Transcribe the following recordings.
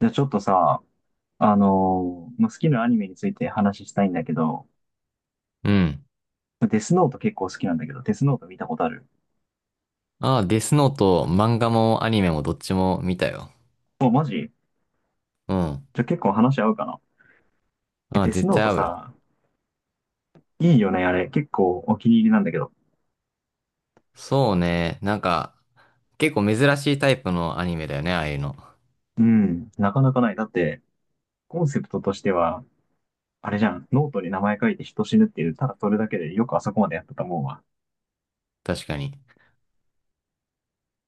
じゃあちょっとさ、まあ、好きなアニメについて話したいんだけど、うん。デスノート結構好きなんだけど、デスノート見たことある？ああ、デスノート、漫画もアニメもどっちも見たよ。お、マジじうん。ゃあ結構話合うかな？ああ、デス絶ノー対ト合うよ。さ、いいよね、あれ。結構お気に入りなんだけど。そうね。結構珍しいタイプのアニメだよね、ああいうの。うん、なかなかない。だって、コンセプトとしては、あれじゃん、ノートに名前書いて人死ぬっていう、ただそれだけでよくあそこまでやったたもんわ。確かに。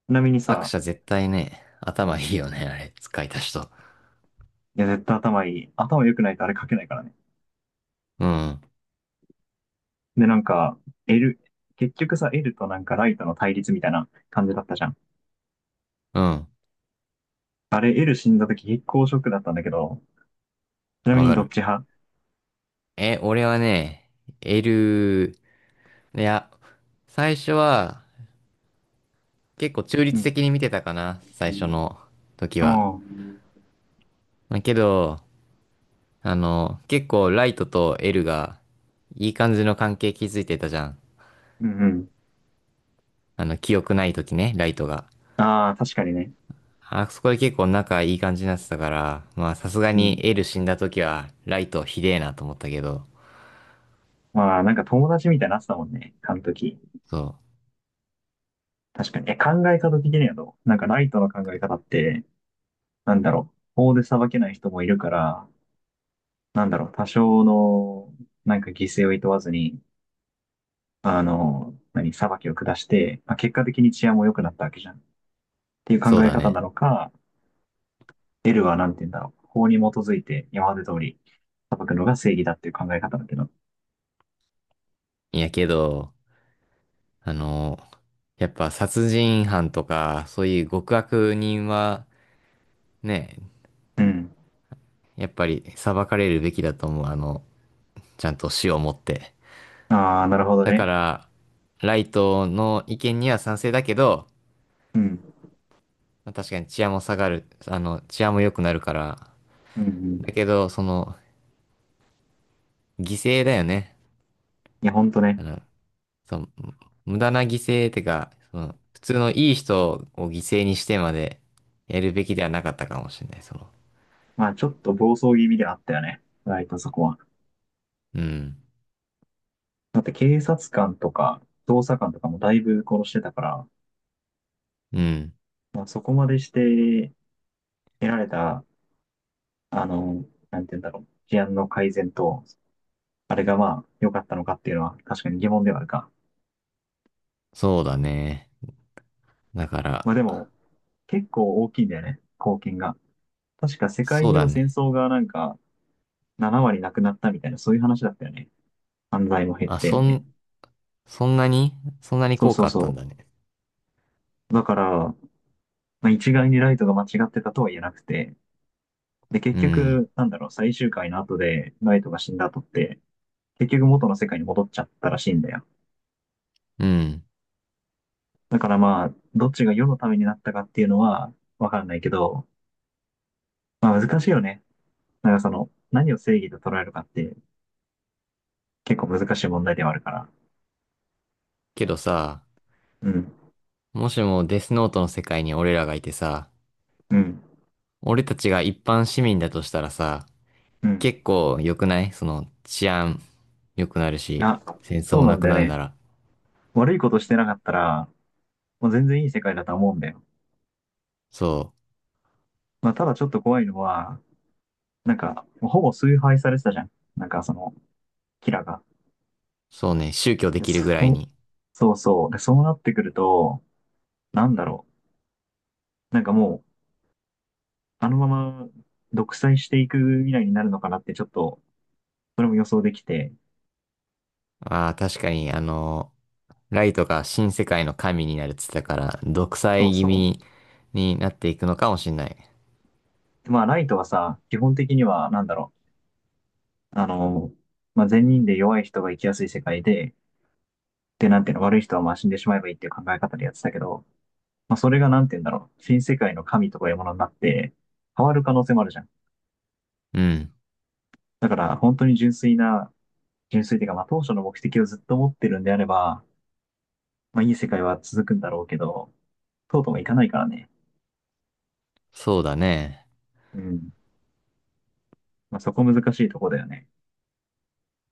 ちなみに作さ、者絶対ね、頭いいよね、あれ、使いた人。いや、絶対頭いい。頭良くないとあれ書けないからね。うん。で、なんか、L、結局さ、L となんかライトの対立みたいな感じだったじゃん。うん。あれ、L 死んだ時結構ショックだったんだけど、ちなわみにかどっる。ち派？俺はね、エル、いや、最初は結構中う立ん。的に見てたかな、最初の時あは。あ、うんまあけど、結構ライトとエルがいい感じの関係築いてたじゃん。うん。記憶ない時ね、ライトが。ああ、確かにね。あそこで結構仲いい感じになってたから、まあさすがうにん。エル死んだ時はライトひでえなと思ったけど、まあ、なんか友達みたいになってたもんね、あの時。そう、確かに。考え方的にはどうなんかライトの考え方って、なんだろう。法で裁けない人もいるから、なんだろう、多少の、なんか犠牲をいとわずに、あの、何、裁きを下して、まあ、結果的に治安も良くなったわけじゃん。っていう考そうえだ方なね。のか、L はなんて言うんだろう。法に基づいて今まで通り裁くのが正義だっていう考え方だけど。いやけど、あの、やっぱ殺人犯とか、そういう極悪人はね、うん。やっぱり裁かれるべきだと思う。ちゃんと死をもって。ああ、なるほどだかね。ら、ライトの意見には賛成だけど、うん。まあ確かに治安も下がる、治安も良くなるから。うん、うん。だけど、犠牲だよね。いや、ほんとね。あの、その、無駄な犠牲ってか、普通のいい人を犠牲にしてまでやるべきではなかったかもしれない。まあ、ちょっと暴走気味ではあったよね。ライトそこは。うん。だって警察官とか、捜査官とかもだいぶ殺してたから、うん。まあ、そこまでして得られた、あの、なんて言うんだろう。治安の改善と、あれがまあ、良かったのかっていうのは確かに疑問ではあるか。そうだね。だから、まあでも、結構大きいんだよね。貢献が。確か世界そう中だの戦ね。争がなんか7割なくなったみたいな、そういう話だったよね。犯罪も減っあ、て、そみたいな。ん、そんなにそんなにそう効そ果うあったんそだね。う。だから、まあ、一概にライトが間違ってたとは言えなくて、で、結うん。局、なんだろう、最終回の後でライトが死んだ後って、結局元の世界に戻っちゃったらしいんだよ。うん。だからまあ、どっちが世のためになったかっていうのはわかんないけど、まあ難しいよね。なんかその、何を正義と捉えるかって結構難しい問題ではあるから。けどさ、うん、もしもデスノートの世界に俺らがいてさ、うん、俺たちが一般市民だとしたらさ、うん。結構良くないその治安良くなるし、あ、戦争そうもななんくだよなるなね。ら。悪いことしてなかったら、もう全然いい世界だと思うんだよ。そまあ、ただちょっと怖いのは、なんか、ほぼ崇拝されてたじゃん。なんかその、キラが。う、そうね、宗教でで、きるぐらいそう、に。そうそう。で、そうなってくると、なんだろう。なんかもう、あのまま独裁していく未来になるのかなってちょっと、それも予想できて、ああ、確かに、ライトが新世界の神になるって言ってたから、独そう裁気そ味う。になっていくのかもしんない。でまあ、ライトはさ、基本的には、なんだろう。あの、まあ、善人で弱い人が生きやすい世界で、で、なんていうの、悪い人はまあ死んでしまえばいいっていう考え方でやってたけど、まあ、それがなんて言うんだろう。新世界の神とかいうものになって、変わる可能性もあるじゃん。うん、だから、本当に純粋な、純粋というか、まあ、当初の目的をずっと持ってるんであれば、まあ、いい世界は続くんだろうけど、とうとういかないからね。そうだね。うん。まあ、そこ難しいとこだよね。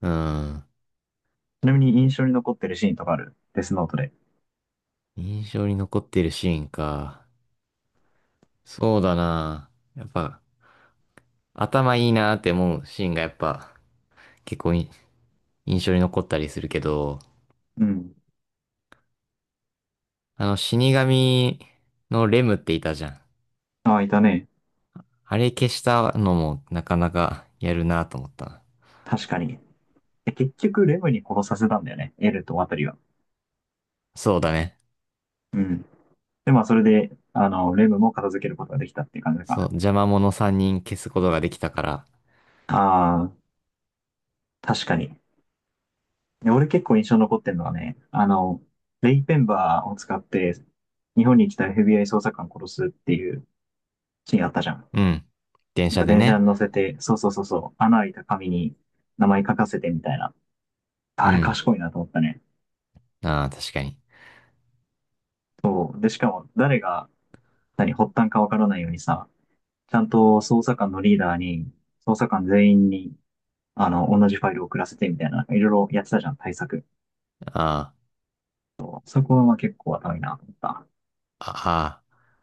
うん。ちなみに印象に残ってるシーンとかある？デスノートで。印象に残ってるシーンか。そうだな。やっぱ、頭いいなって思うシーンがやっぱ、結構い印象に残ったりするけど、うん。死神のレムっていたじゃん。ああ、いたね。あれ消したのもなかなかやるなと思ったな。確かに。で結局、レムに殺させたんだよね。エルとワタリは。そうだね。うん。で、まあ、それで、あの、レムも片付けることができたっていう感じかそう、な。邪魔者3人消すことができたから。ああ、確かに。俺結構印象に残ってるのはね、あの、レイペンバーを使って日本に来た FBI 捜査官殺すっていうシーンあったじゃん。うん。電なん車かで電車ね。に乗せて、そうそうそうそう、穴開いた紙に名前書かせてみたいな。あうれん。賢いなと思ったね。ああ、確かに。そう。で、しかも誰が何発端かわからないようにさ、ちゃんと捜査官のリーダーに、捜査官全員に、あの、同じファイルを送らせてみたいな、いろいろやってたじゃん、対策。あそこは結構頭いいなと思った。あ、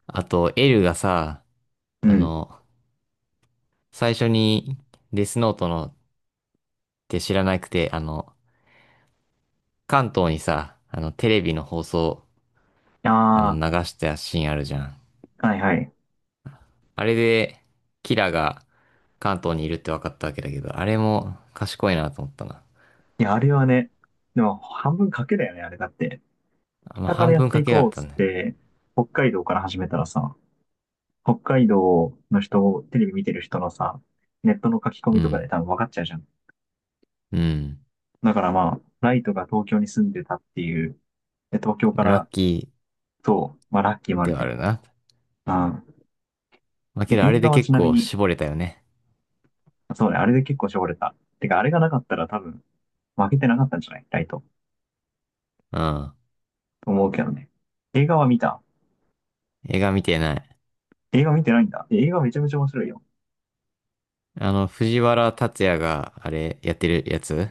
ああ。あと、エルがさ、うあん。の、最初にデスノートのって知らなくて、関東にさ、テレビの放送、あ流したシーンあるじゃん。あ、はいはい。あれで、キラが関東にいるって分かったわけだけど、あれも賢いなと思ったな。いや、あれはね、でも半分賭けだよね、あれだって。あまあ、北か半らやっ分て賭いけだこっうったつっね。て、北海道から始めたらさ、北海道の人を、テレビ見てる人のさ、ネットの書き込うみとかでん。多分分かっちゃうじゃん。うん。だからまあ、ライトが東京に住んでたっていう、で東京かラらッキと、まあラッキーもーあでるはけあど。るな。うん。まあ、けどあ映れで画はち結なみ構に、絞れたよね。そうね、あれで結構絞れた。てか、あれがなかったら多分、負けてなかったんじゃないライト。うん。と思うけどね。映画は見た？映画見てない。映画見てないんだ。映画めちゃめちゃ面白いよ。藤原竜也があれやってるやつ。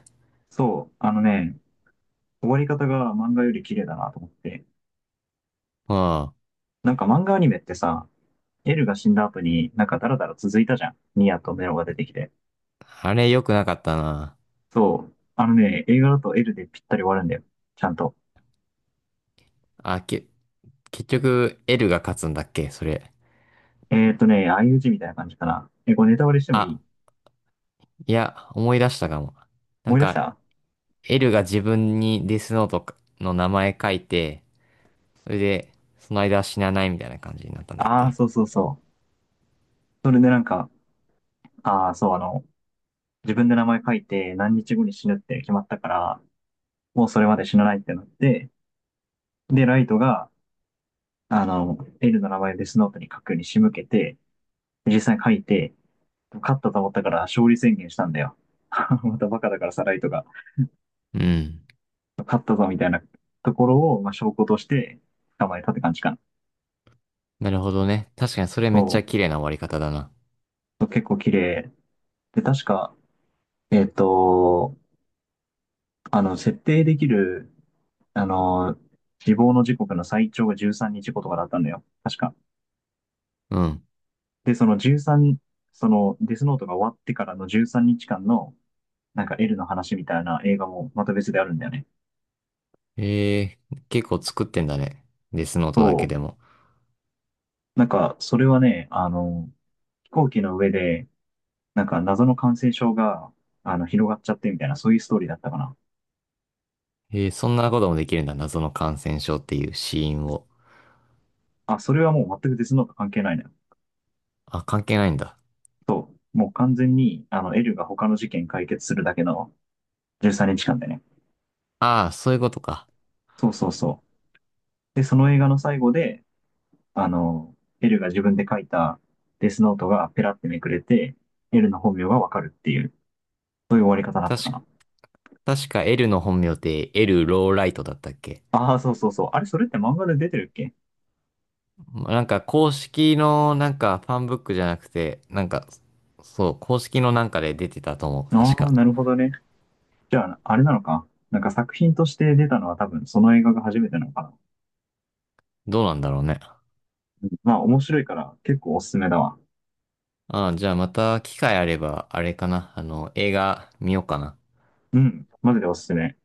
そう、あのね、終わり方が漫画より綺麗だなと思って。うん。なんか漫画アニメってさ、エルが死んだ後になんかダラダラ続いたじゃん。ニアとメロが出てきて。あれ良くなかったな。そう。あのね、映画だとエルでぴったり終わるんだよ。ちゃんと。あ、け、結局、L が勝つんだっけそれ？ね、相打ちみたいな感じかな。これネタバレしてもいあ、い？いや、思い出したかも。な思んい出しか、た？ L が自分にデスノートの名前書いて、それで、その間は死なないみたいな感じになったんだっああー、け？そうそうそう。それでなんか、ああ、そう、あの、自分で名前書いて何日後に死ぬって決まったから、もうそれまで死なないってなって、で、ライトが、あの、エルの名前をデスノートに書くように仕向けて、実際に書いて、勝ったと思ったから勝利宣言したんだよ。またバカだからさらいとか、うん。勝ったぞみたいなところを、まあ、証拠として捕まえたって感じかな。なるほどね。確かにそれめそっちゃ綺麗な終わり方だな。う。結構綺麗。で、確か、えっ、と、あの、設定できる、あの、死亡の時刻の最長が13日後とかだったんだよ。確か。うん。で、その13、そのデスノートが終わってからの13日間の、なんか L の話みたいな映画もまた別であるんだよね。ええー結構作ってんだね。デスノートだそけう。でも。なんか、それはね、あの、飛行機の上で、なんか謎の感染症が、あの、広がっちゃってみたいな、そういうストーリーだったかな。えー、そんなこともできるんだ。謎の感染症っていう死因を。あ、それはもう全くデスノート関係ないのよ。あ、関係ないんだ。そう。もう完全に、あの、エルが他の事件解決するだけの13日間でね。ああ、そういうことか。そうそうそう。で、その映画の最後で、あの、エルが自分で書いたデスノートがペラってめくれて、エルの本名がわかるっていう、そういう終わり方だった確かな。か、確か L の本名って L ローライトだったっけ？ああ、そうそうそう。あれ、それって漫画で出てるっけ？なんか公式のなんかファンブックじゃなくて、なんか、そう、公式のなんかで出てたと思う、確ああか。ー、なるほどね。じゃあ、あれなのか。なんか作品として出たのは多分その映画が初めてなのかな。どうなんだろうね。まあ面白いから結構おすすめだわ。ああ、じゃあまた機会あれば、あれかな。映画見ようかな。うん、マジでおすすめ。